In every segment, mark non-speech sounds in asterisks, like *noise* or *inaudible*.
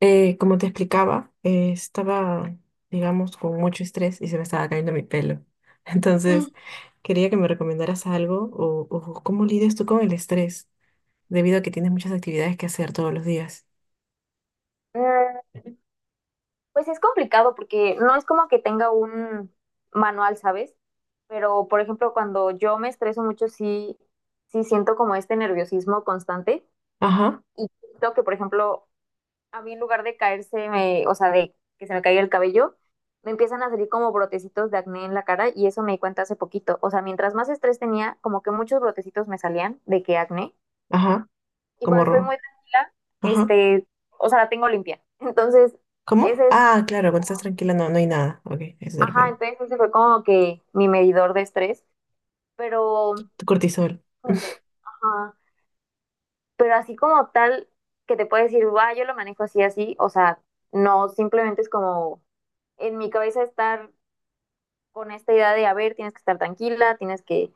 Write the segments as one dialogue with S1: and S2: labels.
S1: Como te explicaba, estaba, digamos, con mucho estrés y se me estaba cayendo mi pelo. *laughs*
S2: Mm.
S1: Entonces, quería que me recomendaras algo o cómo lidias tú con el estrés, debido a que tienes muchas actividades que hacer todos los días.
S2: Pues es complicado porque no es como que tenga un manual, ¿sabes? Pero, por ejemplo, cuando yo me estreso mucho, sí, sí siento como este nerviosismo constante
S1: Ajá,
S2: y siento que, por ejemplo, a mí en lugar de caerse, o sea, de que se me caiga el cabello, me empiezan a salir como brotecitos de acné en la cara y eso me di cuenta hace poquito. O sea, mientras más estrés tenía, como que muchos brotecitos me salían de que acné
S1: ajá,
S2: y
S1: como,
S2: cuando estoy muy tranquila,
S1: ajá,
S2: este, o sea, la tengo limpia. *laughs* Entonces.
S1: ¿cómo?
S2: Ese es
S1: Ah, claro, cuando estás tranquila no hay nada. Ok, eso te
S2: Ajá,
S1: refiere.
S2: entonces ese fue como que mi medidor de estrés, pero,
S1: Tu cortisol.
S2: ajá, pero así como tal, que te puedo decir, va, yo lo manejo así, así, o sea, no, simplemente es como en mi cabeza estar con esta idea de, a ver, tienes que estar tranquila, tienes que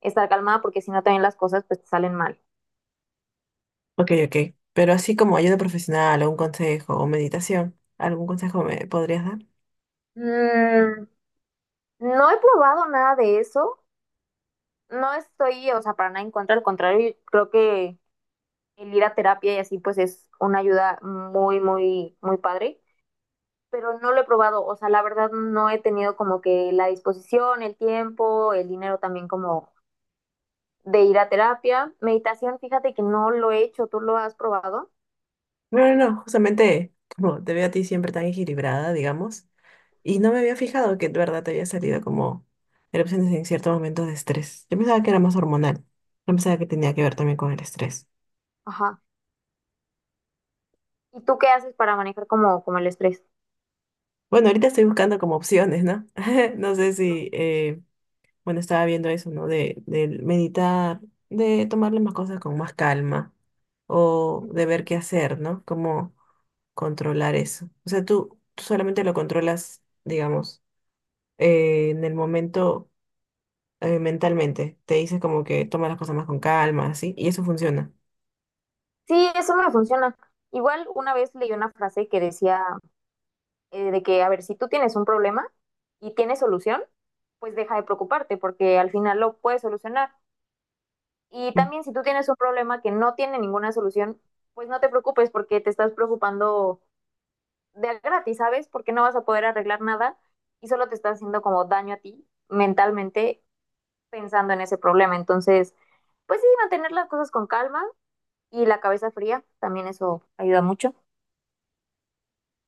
S2: estar calmada, porque si no también las cosas pues te salen mal.
S1: Ok, ok. Pero así como ayuda profesional o un consejo o meditación, ¿algún consejo me podrías dar?
S2: Mm, no he probado nada de eso, no estoy, o sea, para nada en contra, al contrario, creo que el ir a terapia y así pues es una ayuda muy, muy, muy padre, pero no lo he probado. O sea, la verdad no he tenido como que la disposición, el tiempo, el dinero también como de ir a terapia. Meditación, fíjate que no lo he hecho, ¿tú lo has probado?
S1: No, no, no, justamente como te veo a ti siempre tan equilibrada, digamos, y no me había fijado que de verdad te había salido como erupciones en ciertos momentos de estrés. Yo pensaba que era más hormonal, no pensaba que tenía que ver también con el estrés.
S2: Ajá. ¿Y tú qué haces para manejar como el estrés?
S1: Bueno, ahorita estoy buscando como opciones, ¿no? *laughs* No sé si, bueno, estaba viendo eso, ¿no? Del meditar, de tomar las cosas con más calma, o de ver qué hacer, ¿no? Cómo controlar eso. O sea, tú solamente lo controlas, digamos, en el momento mentalmente. Te dice como que toma las cosas más con calma, así, y eso funciona.
S2: Sí, eso me funciona. Igual una vez leí una frase que decía de que, a ver, si tú tienes un problema y tienes solución, pues deja de preocuparte porque al final lo puedes solucionar. Y
S1: Mm,
S2: también si tú tienes un problema que no tiene ninguna solución, pues no te preocupes porque te estás preocupando de a gratis, ¿sabes? Porque no vas a poder arreglar nada y solo te estás haciendo como daño a ti mentalmente pensando en ese problema. Entonces, pues sí, mantener las cosas con calma y la cabeza fría, también eso ayuda mucho.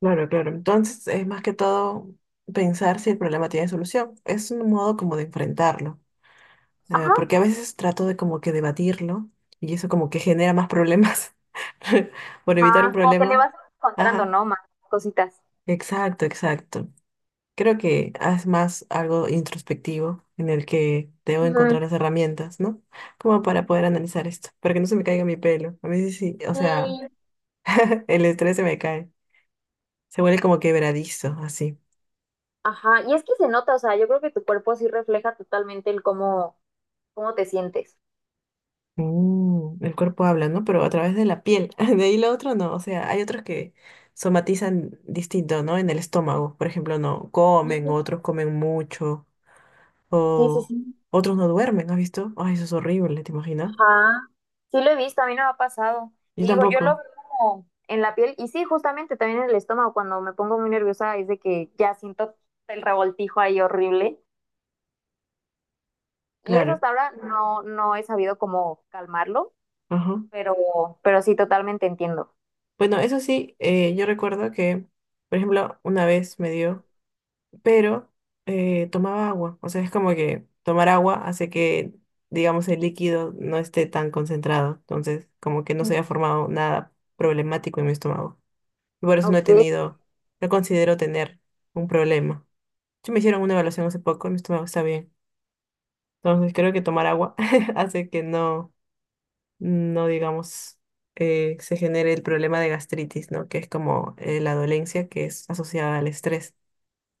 S1: claro, claro. Entonces es más que todo pensar si el problema tiene solución. Es un modo como de enfrentarlo,
S2: Ajá,
S1: porque a veces trato de como que debatirlo y eso como que genera más problemas *laughs* por evitar un
S2: ajá, como que le
S1: problema.
S2: vas encontrando,
S1: Ajá,
S2: ¿no? Más cositas.
S1: exacto, exacto. Creo que es más algo introspectivo en el que debo
S2: Ujú.
S1: encontrar las herramientas, ¿no? Como para poder analizar esto, para que no se me caiga mi pelo. A veces sí, sí, o sea,
S2: Sí.
S1: el estrés se me cae. Se vuelve como quebradizo, así.
S2: Ajá, y es que se nota, o sea, yo creo que tu cuerpo sí refleja totalmente el cómo te sientes.
S1: Mm, el cuerpo habla, ¿no? Pero a través de la piel. *laughs* De ahí lo otro no. O sea, hay otros que somatizan distinto, ¿no? En el estómago. Por ejemplo, no comen, otros comen mucho.
S2: Sí, sí,
S1: O
S2: sí.
S1: otros no duermen, ¿no ¿has visto? Ay, eso es horrible, ¿te imaginas?
S2: Ajá. Sí lo he visto, a mí no me ha pasado.
S1: Yo
S2: Te digo, yo lo
S1: tampoco,
S2: veo como en la piel y sí, justamente también en el estómago cuando me pongo muy nerviosa es de que ya siento el revoltijo ahí horrible y eso
S1: claro.
S2: hasta ahora no he sabido cómo calmarlo,
S1: Ajá.
S2: pero pero sí totalmente entiendo.
S1: Bueno, eso sí, yo recuerdo que, por ejemplo, una vez me dio. Pero tomaba agua. O sea, es como que tomar agua hace que, digamos, el líquido no esté tan concentrado. Entonces, como que no se
S2: Mm.
S1: haya formado nada problemático en mi estómago. Y por eso no he
S2: Ok.
S1: tenido, no considero tener un problema. Sí me hicieron una evaluación hace poco y mi estómago está bien. Entonces, creo que tomar agua *laughs* hace que no, no digamos, se genere el problema de gastritis, ¿no? Que es como la dolencia que es asociada al estrés.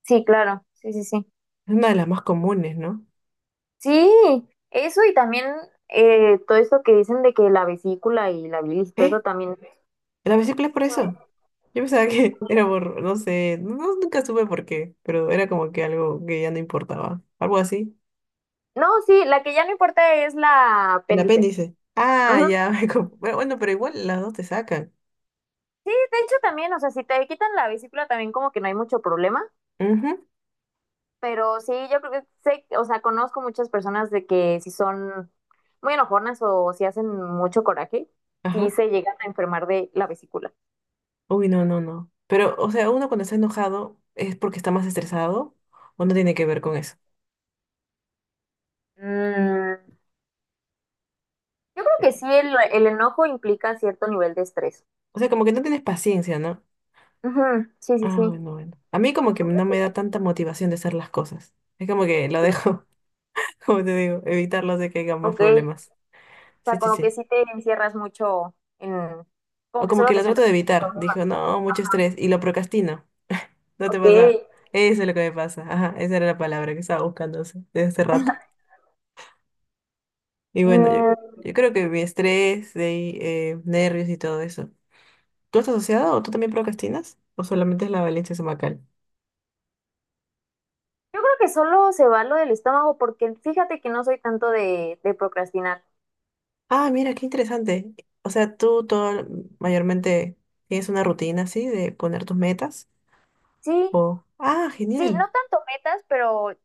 S2: Sí, claro. Sí, sí, sí.
S1: Es una de las más comunes, ¿no?
S2: Sí, eso y también todo esto que dicen de que la vesícula y la bilis, todo eso
S1: ¿Eh?
S2: también.
S1: La vesícula es por eso. Yo pensaba que *laughs* era por, no sé, no, no, nunca supe por qué, pero era como que algo que ya no importaba. Algo así.
S2: No, sí, la que ya no importa es la
S1: El
S2: apéndice.
S1: apéndice. Ah, ya. *laughs* Pero bueno, pero igual las dos te sacan.
S2: Sí, de hecho también, o sea, si te quitan la vesícula también como que no hay mucho problema,
S1: Ujú,
S2: pero sí, yo creo que sé, o sea, conozco muchas personas de que si son muy enojonas o si hacen mucho coraje, sí
S1: ajá.
S2: se llegan a enfermar de la vesícula.
S1: Uy, no, no, no. Pero, o sea, uno cuando está enojado es porque está más estresado o no tiene que ver con eso.
S2: Mm, yo creo
S1: Eh,
S2: que sí, el enojo implica cierto nivel de estrés.
S1: O sea, como que no tienes paciencia, ¿no?
S2: Ujú, sí, sí,
S1: Ah,
S2: sí.
S1: bueno, bueno. A mí como que no me da tanta motivación de hacer las cosas. Es como que lo
S2: Ok,
S1: dejo, *laughs* como te digo, evitarlo de que haya más
S2: ok.
S1: problemas.
S2: O
S1: Sí,
S2: sea,
S1: sí,
S2: como que
S1: sí.
S2: sí te encierras mucho en, como
S1: O
S2: que
S1: como
S2: solo
S1: que
S2: te
S1: lo trato de
S2: centras en el
S1: evitar. Dijo,
S2: problema.
S1: no, mucho estrés. Y lo procrastino. ¿No te
S2: Ok.
S1: pasa? Eso es lo que me pasa. Ajá, esa era la palabra que estaba buscando desde hace rato. Y bueno,
S2: Mm.
S1: yo creo que mi estrés, de ahí, nervios y todo eso. ¿Tú estás asociado o tú también procrastinas? ¿O solamente es la valencia estomacal?
S2: Yo creo que solo se va lo del estómago porque fíjate que no soy tanto de procrastinar.
S1: Ah, mira, qué interesante. O sea, tú todo mayormente tienes una rutina así de poner tus metas.
S2: Sí,
S1: O, ah,
S2: sí, no
S1: genial.
S2: tanto metas, pero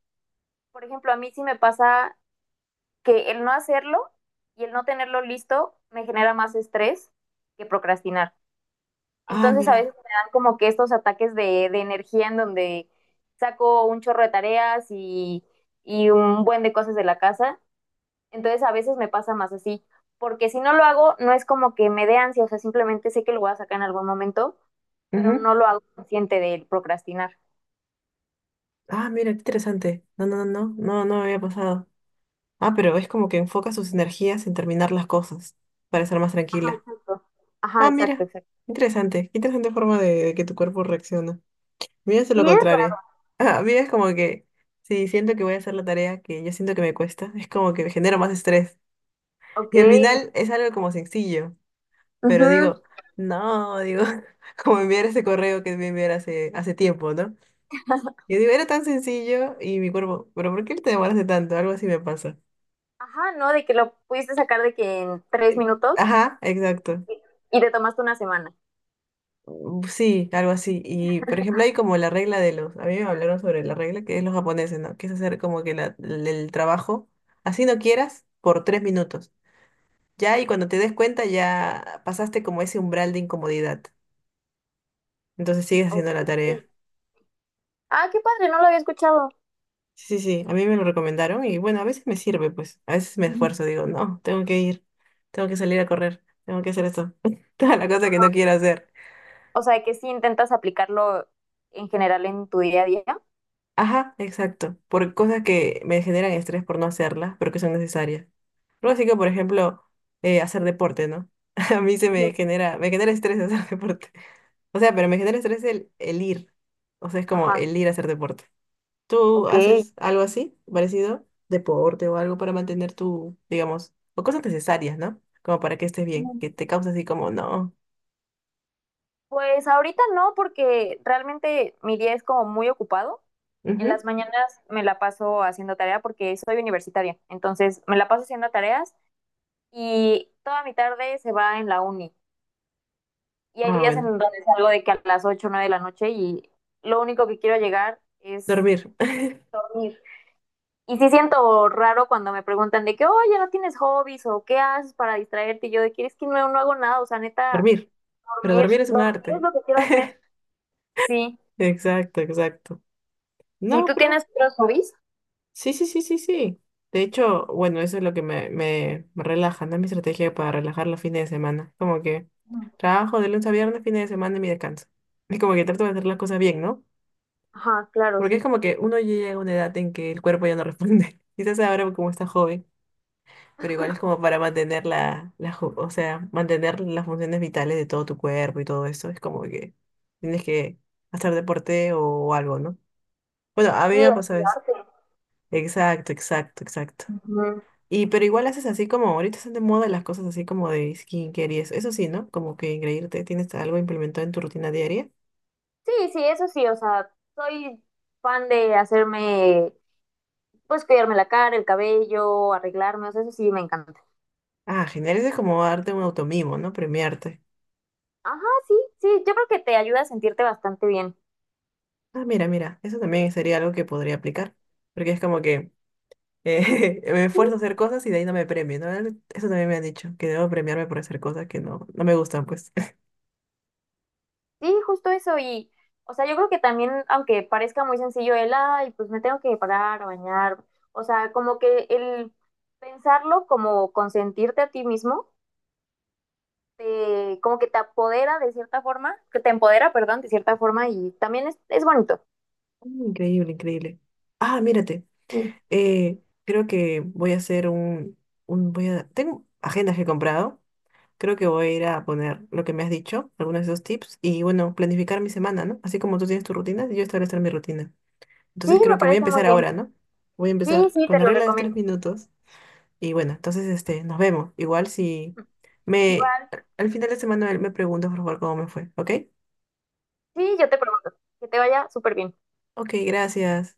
S2: por ejemplo, a mí sí me pasa que el no hacerlo y el no tenerlo listo me genera más estrés que procrastinar.
S1: Ah,
S2: Entonces a veces
S1: mira.
S2: me dan como que estos ataques de energía en donde saco un chorro de tareas y un buen de cosas de la casa. Entonces a veces me pasa más así, porque si no lo hago, no es como que me dé ansia, o sea, simplemente sé que lo voy a sacar en algún momento pero
S1: Ujú.
S2: no lo hago consciente del procrastinar.
S1: Ah, mira, qué interesante. No, no, no, no, no, no me había pasado. Ah, pero es como que enfoca sus energías en terminar las cosas para ser más
S2: Ajá,
S1: tranquila.
S2: exacto. Ajá,
S1: Ah,
S2: exacto,
S1: mira,
S2: exacto.
S1: interesante. Qué interesante forma de que tu cuerpo reacciona. Mira, es lo
S2: Cierto.
S1: contrario. *laughs* Ah, mira, es como que si siento que voy a hacer la tarea que yo siento que me cuesta, es como que me genero más estrés.
S2: Ok.
S1: Y al final es algo como sencillo, pero
S2: Ujú.
S1: digo, no, digo, *laughs* como enviar ese correo que me enviar hace tiempo, ¿no?
S2: *laughs*
S1: Yo digo, era tan sencillo y mi cuerpo, pero ¿por qué te demoraste tanto? Algo así me pasa.
S2: Ajá, ¿no? De que lo pudiste sacar de que en 3 minutos
S1: Ajá, exacto.
S2: y y te tomaste una semana.
S1: Mm, sí, algo así. Y por ejemplo, hay como la regla de los, a mí me hablaron sobre la regla que es los japoneses, ¿no? Que es hacer como que el trabajo, así no quieras, por 3 minutos. Ya, y cuando te des cuenta, ya pasaste como ese umbral de incomodidad. Entonces sigues
S2: Ok.
S1: haciendo la tarea.
S2: Ah, qué padre, no lo había escuchado.
S1: Sí, sí, sí, a mí me lo recomendaron y bueno, a veces me sirve, pues, a veces me
S2: Ujú.
S1: esfuerzo, digo, no, tengo que ir, tengo que salir a correr, tengo que hacer esto, *laughs* toda la cosa que
S2: Ajá.
S1: no quiero hacer.
S2: O sea, que sí intentas aplicarlo en general en tu día a día.
S1: Ajá, exacto, por cosas que me generan estrés por no hacerlas, pero que son necesarias. Algo así que, por ejemplo, hacer deporte, ¿no? *laughs* A mí se
S2: Ujú.
S1: me genera estrés *laughs* hacer deporte. O sea, pero me genera estrés el ir. O sea, es como
S2: Ajá,
S1: el ir a hacer deporte. ¿Tú
S2: ok.
S1: haces algo así, parecido? Deporte o algo para mantener tu, digamos, o cosas necesarias, ¿no? Como para que estés bien, que te causa así como, no.
S2: Pues ahorita no, porque realmente mi día es como muy ocupado. En
S1: Ujú.
S2: las mañanas me la paso haciendo tarea porque soy universitaria, entonces me la paso haciendo tareas y toda mi tarde se va en la uni. Y hay
S1: Ah,
S2: días en
S1: bueno.
S2: donde salgo de que a las 8 o 9 de la noche y lo único que quiero llegar es
S1: Dormir. *laughs*
S2: dormir. Y sí siento raro cuando me preguntan de que, oye, ¿no tienes hobbies o qué haces para distraerte? Y yo de que es que no, no hago nada, o sea, neta,
S1: Dormir. Pero
S2: dormir,
S1: dormir es un
S2: dormir es
S1: arte.
S2: lo que quiero hacer.
S1: *laughs*
S2: Sí.
S1: Exacto, exacto.
S2: Sí,
S1: No,
S2: ¿tú
S1: pero
S2: tienes otros hobbies?
S1: sí, sí, sí, sí, sí. De hecho, bueno, eso es lo que me relaja, ¿no? Mi estrategia para relajar los fines de semana. Como que trabajo de lunes a viernes, fines de semana y mi descanso. *laughs* Es como que trato de hacer las cosas bien, ¿no?
S2: Ajá, claro,
S1: Porque es
S2: sí.
S1: como que uno ya llega a una edad en que el cuerpo ya no responde. *laughs* Quizás ahora como está joven, pero igual es como para mantener o sea, mantener las funciones vitales de todo tu cuerpo y todo eso. Es como que tienes que hacer deporte o algo, ¿no? Bueno, a mí me
S2: Y
S1: ha pasado eso.
S2: activarte.
S1: Exacto, exacto, exacto.
S2: Ujú.
S1: Y pero igual haces así como, ahorita están de moda las cosas así como de skincare y eso. Eso sí, ¿no? Como que engreírte, tienes algo implementado en tu rutina diaria.
S2: Sí, sí, eso sí, o sea, soy fan de hacerme, pues cuidarme la cara, el cabello, arreglarme, o sea, eso sí me encanta.
S1: Ah, genial, eso es como darte un automimo, ¿no? Premiarte.
S2: Ajá, sí, sí, yo creo que te ayuda a sentirte bastante bien.
S1: Ah, mira, mira, eso también sería algo que podría aplicar. Porque es como que *laughs* me
S2: Sí,
S1: esfuerzo a hacer cosas y de ahí no me premio, ¿no? Eso también me han dicho, que debo premiarme por hacer cosas que no, no me gustan, pues.
S2: sí, justo eso. Y, o sea, yo creo que también, aunque parezca muy sencillo el, ay, pues me tengo que parar a bañar, o sea, como que el pensarlo como consentirte a ti mismo como que te apodera de cierta forma, que te empodera, perdón, de cierta forma y también es bonito.
S1: *laughs* Increíble, increíble. Ah, mírate,
S2: Sí.
S1: creo que voy a hacer voy a, tengo agendas que he comprado. Creo que voy a ir a poner lo que me has dicho, algunos de esos tips, y bueno, planificar mi semana, ¿no? Así como tú tienes tu rutina, yo establecer mi rutina.
S2: Sí,
S1: Entonces
S2: me
S1: creo que voy a
S2: parece muy
S1: empezar
S2: bien.
S1: ahora, ¿no? Voy a
S2: Sí,
S1: empezar
S2: sí,
S1: con
S2: te
S1: la
S2: lo
S1: regla de los tres
S2: recomiendo.
S1: minutos. Y bueno, entonces este, nos vemos. Igual si me
S2: Igual,
S1: al final de semana me preguntas, por favor, cómo me fue, ¿ok?
S2: sí, yo te pregunto, que te vaya súper bien.
S1: Ok, gracias.